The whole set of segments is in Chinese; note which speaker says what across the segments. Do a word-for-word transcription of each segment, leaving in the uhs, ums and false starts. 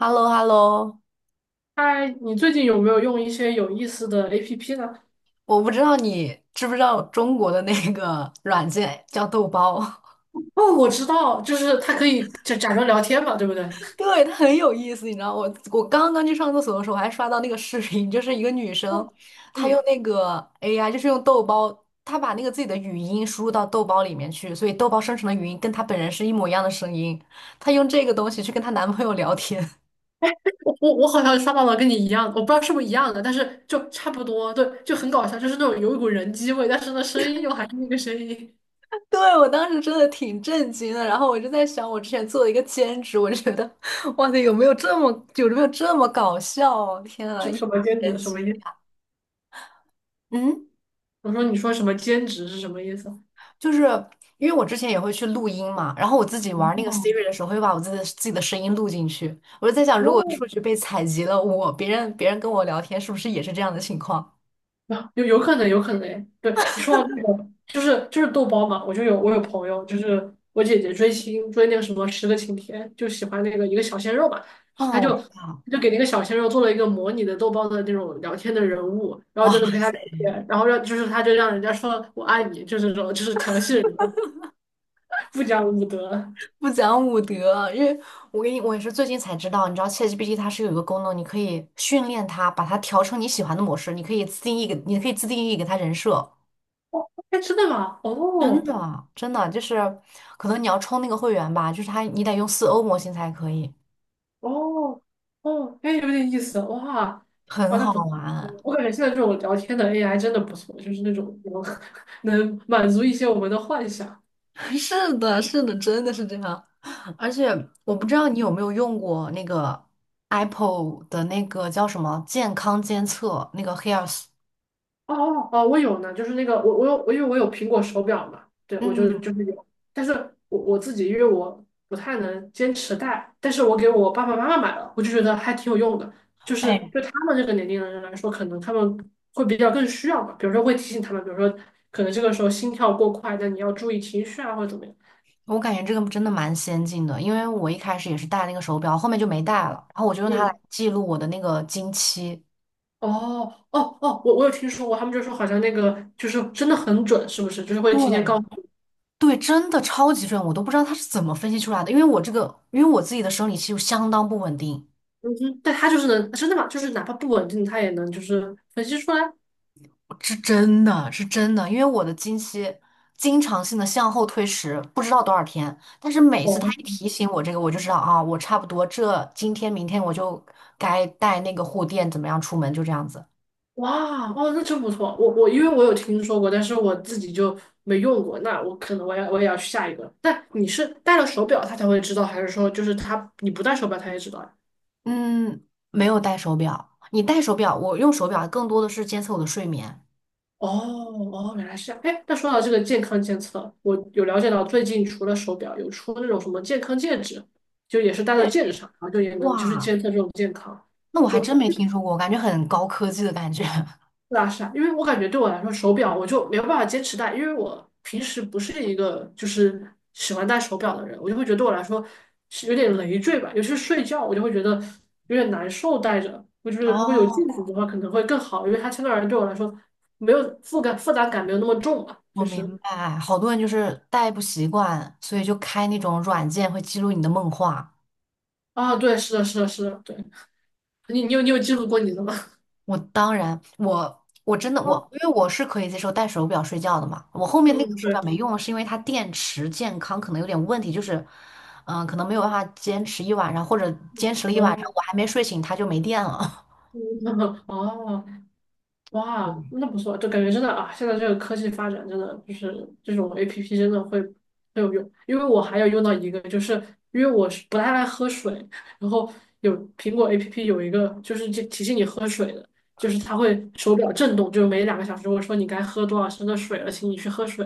Speaker 1: h e l l o h e l l o
Speaker 2: 嗨，你最近有没有用一些有意思的 A P P 呢？
Speaker 1: 我不知道你知不知道中国的那个软件叫豆包。
Speaker 2: 哦，我知道，就是它可以假假装聊天嘛，对不对？
Speaker 1: 对，它很有意思，你知道，我我刚刚去上厕所的时候，我还刷到那个视频，就是一个女生，
Speaker 2: 哦
Speaker 1: 她用
Speaker 2: 嗯，
Speaker 1: 那个 A I,就是用豆包，她把那个自己的语音输入到豆包里面去，所以豆包生成的语音跟她本人是一模一样的声音，她用这个东西去跟她男朋友聊天。
Speaker 2: 我我我好像刷到了跟你一样的，我不知道是不是一样的，但是就差不多，对，就很搞笑，就是那种有一股人机味，但是呢，声音又还是那个声音。
Speaker 1: 对，我当时真的挺震惊的，然后我就在想，我之前做了一个兼职，我就觉得，哇塞，有没有这么有没有这么搞笑啊，天啊，
Speaker 2: 什
Speaker 1: 一
Speaker 2: 什
Speaker 1: 本
Speaker 2: 么兼职？
Speaker 1: 神
Speaker 2: 什
Speaker 1: 奇。
Speaker 2: 么意思？
Speaker 1: 嗯，
Speaker 2: 我说你说什么兼职是什么意思？
Speaker 1: 就是因为我之前也会去录音嘛，然后我自己玩那个 Siri 的时候，会把我自己的自己的声音录进去。我就在想，如果
Speaker 2: 哦。
Speaker 1: 数据被采集了，我别人别人跟我聊天，是不是也是这样的情况？
Speaker 2: 啊，有有可能，有可能诶。对，你说到这个，就是就是豆包嘛，我就有我有朋友，就是我姐姐追星追那个什么《十个勤天》，就喜欢那个一个小鲜肉嘛，他
Speaker 1: 哦，我
Speaker 2: 就
Speaker 1: 知道，
Speaker 2: 就给那个小鲜肉做了一个模拟的豆包的那种聊天的人物，然后
Speaker 1: 哇。
Speaker 2: 就能陪他聊天，然后让就是他就让人家说我爱你，就是这种就是调戏人家，不讲武德。
Speaker 1: 不讲武德，因为我跟你我也是最近才知道，你知道 ChatGPT 它是有一个功能，你可以训练它，把它调成你喜欢的模式，你可以自定义给，你可以自定义给它人设。
Speaker 2: 哎，真的吗？
Speaker 1: 真
Speaker 2: 哦，
Speaker 1: 的，真的就是，可能你要充那个会员吧，就是它你得用四欧模型才可以，
Speaker 2: 哦哦，哎，有点意思，哇，
Speaker 1: 很
Speaker 2: 哇，那
Speaker 1: 好
Speaker 2: 不错，嗯
Speaker 1: 玩。
Speaker 2: 我感觉现在这种聊天的 A I 真的不错，就是那种能 能满足一些我们的幻想。
Speaker 1: 是的，是的，真的是这样。而且我不知道你有没有用过那个 Apple 的那个叫什么健康监测，那个 Health。
Speaker 2: 哦哦哦，我有呢，就是那个我我有我因为我有苹果手表嘛，对，我就
Speaker 1: 嗯。
Speaker 2: 就是有，但是我我自己因为我不太能坚持戴，但是我给我爸爸妈妈买了，我就觉得还挺有用的，就是
Speaker 1: 哎。
Speaker 2: 对他们这个年龄的人来说，可能他们会比较更需要吧，比如说会提醒他们，比如说可能这个时候心跳过快，但你要注意情绪啊，或者怎么样。
Speaker 1: 我感觉这个真的蛮先进的，因为我一开始也是戴那个手表，后面就没戴了，然后我就用它来
Speaker 2: 嗯，
Speaker 1: 记录我的那个经期。
Speaker 2: 哦哦哦，我我有听说过，他们就说好像那个就是真的很准，是不是？就是会提前
Speaker 1: 对，
Speaker 2: 告诉你，
Speaker 1: 对，真的超级准，我都不知道它是怎么分析出来的，因为我这个，因为我自己的生理期就相当不稳定，
Speaker 2: 嗯哼，但他就是能真的吗？就是哪怕不稳定，他也能就是分析出来。
Speaker 1: 是真的是真的，因为我的经期经常性的向后推迟，不知道多少天，但是每次
Speaker 2: 哦，
Speaker 1: 它一提醒我这个，我就知道啊，我差不多这今天明天我就该带那个护垫，怎么样出门，就这样子。
Speaker 2: 哇，哦，那真不错。我我因为我有听说过，但是我自己就没用过。那我可能我要我也要去下一个。但你是戴了手表他才会知道，还是说就是他你不戴手表他也知道呀？
Speaker 1: 嗯，没有戴手表。你戴手表，我用手表更多的是监测我的睡眠。
Speaker 2: 哦哦，原来是这样。哎，那说到这个健康监测，我有了解到最近除了手表，有出那种什么健康戒指，就也是戴在
Speaker 1: 对，
Speaker 2: 戒指上，然后就也能就是
Speaker 1: 哇，
Speaker 2: 监测这种健康。
Speaker 1: 那我还
Speaker 2: 就
Speaker 1: 真没听说过，感觉很高科技的感觉。
Speaker 2: 对啊，是啊，因为我感觉对我来说，手表我就没有办法坚持戴，因为我平时不是一个就是喜欢戴手表的人，我就会觉得对我来说是有点累赘吧，尤其是睡觉，我就会觉得有点难受戴着。我就觉得如果有镜
Speaker 1: 哦，
Speaker 2: 子的话，可能会更好，因为它相对而言对我来说没有负感，负担感没有那么重吧，
Speaker 1: 我
Speaker 2: 就
Speaker 1: 明
Speaker 2: 是。
Speaker 1: 白，好多人就是戴不习惯，所以就开那种软件会记录你的梦话。
Speaker 2: 啊，对，是的，是的，是的，对，你你有你有记录过你的吗？
Speaker 1: 我当然，我我真的
Speaker 2: 啊，
Speaker 1: 我，因为我是可以接受戴手表睡觉的嘛。我后
Speaker 2: 嗯
Speaker 1: 面那个
Speaker 2: 嗯，
Speaker 1: 手表
Speaker 2: 对，
Speaker 1: 没用了是因为它电池健康可能有点问题，就是嗯、呃可能没有办法坚持一晚上，或者坚持了一晚上，
Speaker 2: 哦，
Speaker 1: 我还没睡醒，它就没电了。
Speaker 2: 嗯 哦，哇，那不错，就感觉真的啊，现在这个科技发展真的就是这种 A P P 真的会很有用，因为我还有用到一个，就是因为我是不太爱喝水，然后有苹果 A P P 有一个就是就提醒你喝水的，就是它会手表震动，就是每两个小时我说你该喝多少升的水了，请你去喝水，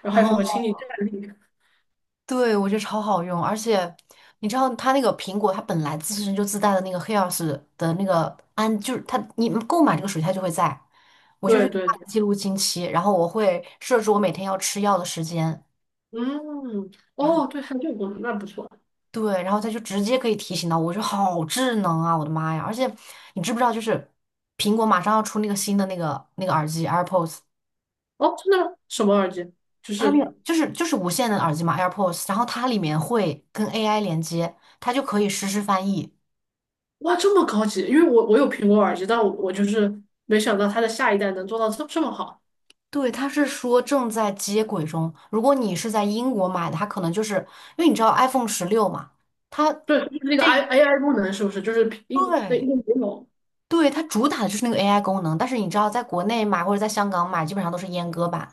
Speaker 2: 然后还有什么
Speaker 1: 哦，
Speaker 2: 请你站立，
Speaker 1: 对，我觉得超好用，而且你知道它那个苹果，它本来自身就自带的那个黑曜石的那个安，就是它你购买这个属性它就会在，我就是
Speaker 2: 对
Speaker 1: 用
Speaker 2: 对
Speaker 1: 它来
Speaker 2: 对。
Speaker 1: 记录经期，然后我会设置我每天要吃药的时间，
Speaker 2: 嗯，
Speaker 1: 然后
Speaker 2: 哦，对，还有这个功能，那不错。
Speaker 1: 对，然后它就直接可以提醒到我，我觉得好智能啊，我的妈呀！而且你知不知道，就是苹果马上要出那个新的那个那个耳机 AirPods,
Speaker 2: 哦，真的吗？什么耳机？就
Speaker 1: 它那
Speaker 2: 是
Speaker 1: 个就是就是无线的耳机嘛 AirPods,然后它里面会跟 A I 连接，它就可以实时翻译。
Speaker 2: 哇，这么高级。因为我我有苹果耳机，但我我就是没想到它的下一代能做到这这么好。
Speaker 1: 对，他是说正在接轨中。如果你是在英国买的，它可能就是因为你知道 iPhone 十六嘛，它
Speaker 2: 对，就是那个
Speaker 1: 这
Speaker 2: I A I 功能，是不是？就是英对
Speaker 1: 对
Speaker 2: 英国有。
Speaker 1: 对它主打的就是那个 A I 功能。但是你知道，在国内买或者在香港买，基本上都是阉割版。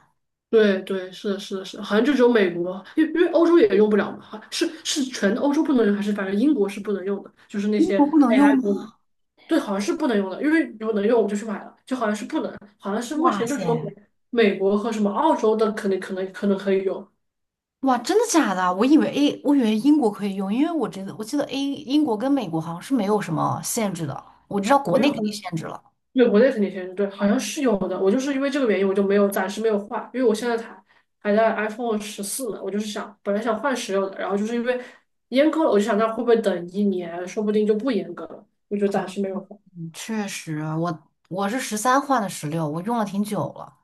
Speaker 2: 对对，是的，是的，是的好像就只有美国，因为因为欧洲也用不了嘛。好是是全欧洲不能用，还是反正英国是不能用的？就是那
Speaker 1: 英
Speaker 2: 些
Speaker 1: 国不能用
Speaker 2: A I 功能。
Speaker 1: 吗？
Speaker 2: 对，好像是不能用的，因为如果能用我就去买了，就好像是不能，好像是目
Speaker 1: 哇
Speaker 2: 前就只有美
Speaker 1: 塞，
Speaker 2: 美国和什么澳洲的可能可能可能可以用，
Speaker 1: 哇，真的假的？我以为 A，我以为英国可以用，因为我觉得我记得 A 英国跟美国好像是没有什么限制的。我知道国
Speaker 2: 没
Speaker 1: 内
Speaker 2: 有，
Speaker 1: 肯定限制了。
Speaker 2: 对，国内肯定先用，对，好像是有的。我就是因为这个原因，我就没有暂时没有换，因为我现在才还在 iPhone 十四呢，我就是想本来想换十六的，然后就是因为阉割了，我就想那会不会等一年，说不定就不阉割了，我就暂时没有换。
Speaker 1: 嗯，确实，我我是十三换的十六，我用了挺久了。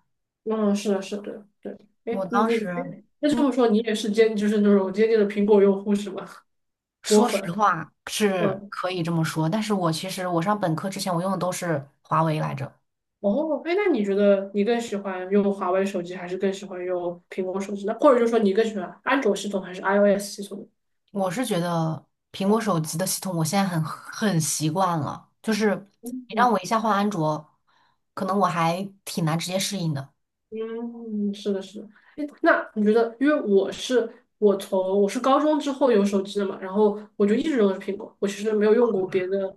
Speaker 2: 嗯，是的，是的，对，对，
Speaker 1: 我
Speaker 2: 哎，你
Speaker 1: 当时。
Speaker 2: 你那这
Speaker 1: 嗯。
Speaker 2: 么说，你也是坚就是那种坚定的苹果用户是吗？果
Speaker 1: 说实
Speaker 2: 粉，
Speaker 1: 话是
Speaker 2: 嗯。
Speaker 1: 可以这么说，但是我其实我上本科之前我用的都是华为来着。
Speaker 2: 哦，哎，那你觉得你更喜欢用华为手机，还是更喜欢用苹果手机呢？或者就说你更喜欢安卓系统还是 iOS 系统呢？
Speaker 1: 我是觉得苹果手机的系统我现在很很习惯了，就是你让
Speaker 2: 嗯
Speaker 1: 我一下换安卓，可能我还挺难直接适应的。
Speaker 2: 嗯，是的，是的。诶那你觉得，因为我是我从我是高中之后有手机的嘛，然后我就一直用的是苹果，我其实没有用过别的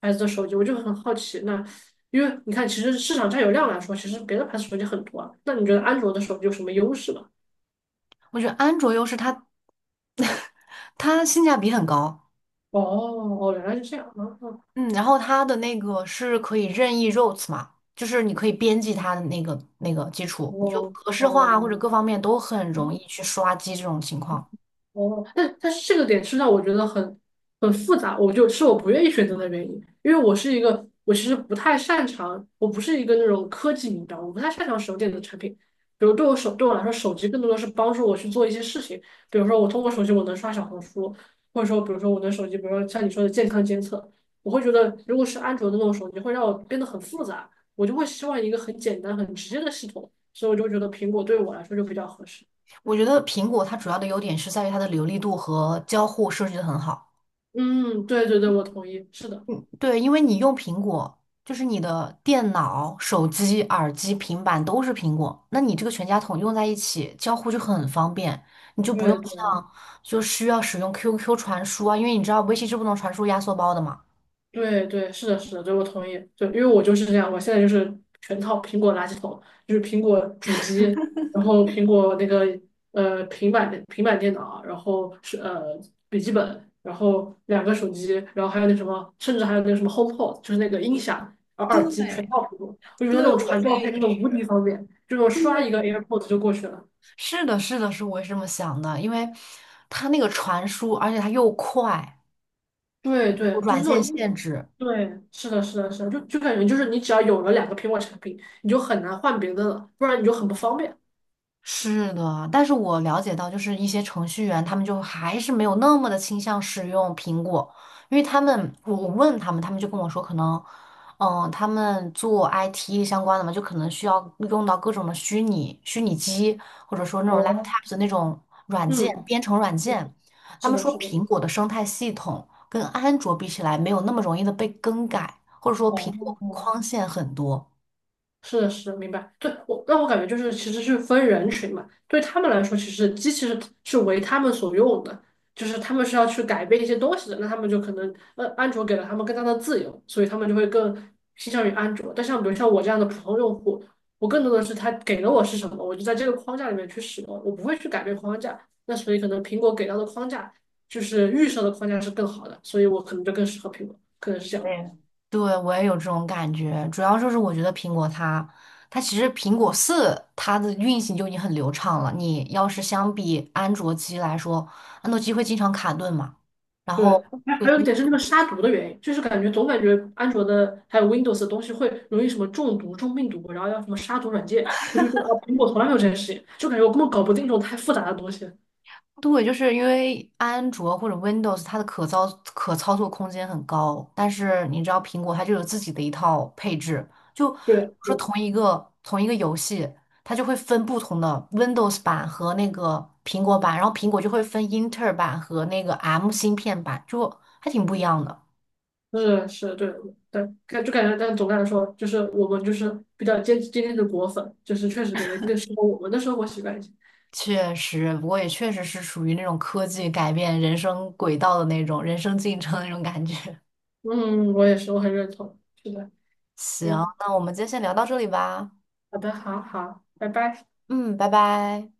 Speaker 2: 牌子的手机，我就很好奇。那因为你看，其实市场占有量来说，其实别的牌子手机很多啊。那你觉得安卓的手机有什么优势吗？
Speaker 1: 我觉得安卓优势它 它性价比很高，
Speaker 2: 哦哦，原来是这样啊！
Speaker 1: 嗯，然后它的那个是可以任意 r o u t 嘛，就是你可以编辑它的那个那个基础，你就
Speaker 2: 哦
Speaker 1: 格式化或者
Speaker 2: 哦。
Speaker 1: 各方面都很容易去刷机这种情况。
Speaker 2: 哦，但但是这个点是让我觉得很很复杂，我就是我不愿意选择的原因，因为我是一个我其实不太擅长，我不是一个那种科技迷，标，我不太擅长手电的产品。比如对我手对我来说，手机更多的是帮助我去做一些事情，比如说我通过手机我能刷小红书，或者说比如说我的手机，比如说像你说的健康监测，我会觉得如果是安卓的那种手机，会让我变得很复杂，我就会希望一个很简单很直接的系统，所以我就觉得苹果对我来说就比较合适。
Speaker 1: 我觉得苹果它主要的优点是在于它的流利度和交互设计的很好。
Speaker 2: 嗯，对对对，我同意，是的。
Speaker 1: 嗯，对，因为你用苹果，就是你的电脑、手机、耳机、平板都是苹果，那你这个全家桶用在一起，交互就很方便，你就不用
Speaker 2: 对对
Speaker 1: 像就需要使用 Q Q 传输啊，因为你知道微信是不能传输压缩包的嘛。
Speaker 2: 对对，是的，是的，对我同意。就因为我就是这样，我现在就是全套苹果垃圾桶，就是苹果主机，然后苹果那个呃平板的平板电脑啊，然后是呃笔记本，然后两个手机，然后还有那什么，甚至还有那个什么 HomePod,就是那个音响，然后耳机全
Speaker 1: 对，
Speaker 2: 套苹果。我觉得那
Speaker 1: 对，
Speaker 2: 种
Speaker 1: 我
Speaker 2: 传
Speaker 1: 现
Speaker 2: 照
Speaker 1: 在也
Speaker 2: 片真的
Speaker 1: 是。
Speaker 2: 无敌方便，就我刷一个 AirPods 就过去了。
Speaker 1: 是的，是的，是我也是这么想的，因为它那个传输，而且它又快，
Speaker 2: 对
Speaker 1: 有
Speaker 2: 对，就
Speaker 1: 软
Speaker 2: 是那
Speaker 1: 件
Speaker 2: 种一，
Speaker 1: 限制。
Speaker 2: 对，是的，是的，是的，就就感觉就是你只要有了两个苹果产品，你就很难换别的了，不然你就很不方便。
Speaker 1: 是的，但是我了解到，就是一些程序员，他们就还是没有那么的倾向使用苹果，因为他们，我我问他们，他们就跟我说，可能，嗯，他们做 I T 相关的嘛，就可能需要用到各种的虚拟虚拟机，或者说那种
Speaker 2: 哦，
Speaker 1: laptop 的那种软件，
Speaker 2: 嗯，
Speaker 1: 编程软
Speaker 2: 嗯
Speaker 1: 件。他
Speaker 2: 是
Speaker 1: 们
Speaker 2: 的，
Speaker 1: 说
Speaker 2: 是的，
Speaker 1: 苹果的生态系统跟安卓比起来，没有那么容易的被更改，或者说苹果
Speaker 2: 哦，
Speaker 1: 框限很多。
Speaker 2: 是的，是的，明白。对，我让我感觉就是，其实是分人群嘛。对他们来说，其实机器是是为他们所用的，就是他们是要去改变一些东西的。那他们就可能，呃，安卓给了他们更大的自由，所以他们就会更倾向于安卓。但像比如像我这样的普通用户，我更多的是他给了我是什么，我就在这个框架里面去使用，我不会去改变框架。那所以可能苹果给到的框架就是预设的框架是更好的，所以我可能就更适合苹果，可能是这
Speaker 1: 我
Speaker 2: 样。
Speaker 1: 也对，我也有这种感觉，主要就是我觉得苹果它，它其实苹果四它的运行就已经很流畅了。你要是相比安卓机来说，安卓机会经常卡顿嘛，然
Speaker 2: 对，
Speaker 1: 后
Speaker 2: 还
Speaker 1: 会
Speaker 2: 还有一
Speaker 1: 经
Speaker 2: 点是那个杀毒的原因，就是感觉总感觉安卓的还有 Windows 的东西会容易什么中毒、中病毒，然后要什么杀毒软件，我就觉得啊，苹果从来没有这件事情，就感觉我根本搞不定这种太复杂的东西。
Speaker 1: 对，就是因为安卓或者 Windows 它的可操可操作空间很高，但是你知道苹果它就有自己的一套配置，就比
Speaker 2: 对
Speaker 1: 如说
Speaker 2: 对，
Speaker 1: 同一个同一个游戏，它就会分不同的 Windows 版和那个苹果版，然后苹果就会分英特尔版和那个 M 芯片版，就还挺不一样的。
Speaker 2: 是是，对对，感就感觉，但总的来说，就是我们就是比较坚坚定的果粉，就是确实感觉更适合我们的生活习惯一些。
Speaker 1: 确实，不过也确实是属于那种科技改变人生轨道的那种人生进程的那种感觉。
Speaker 2: 嗯，我也是，我很认同。是的，
Speaker 1: 行，
Speaker 2: 嗯，
Speaker 1: 那我们今天先聊到这里吧。
Speaker 2: 好的，好好，拜拜。
Speaker 1: 嗯，拜拜。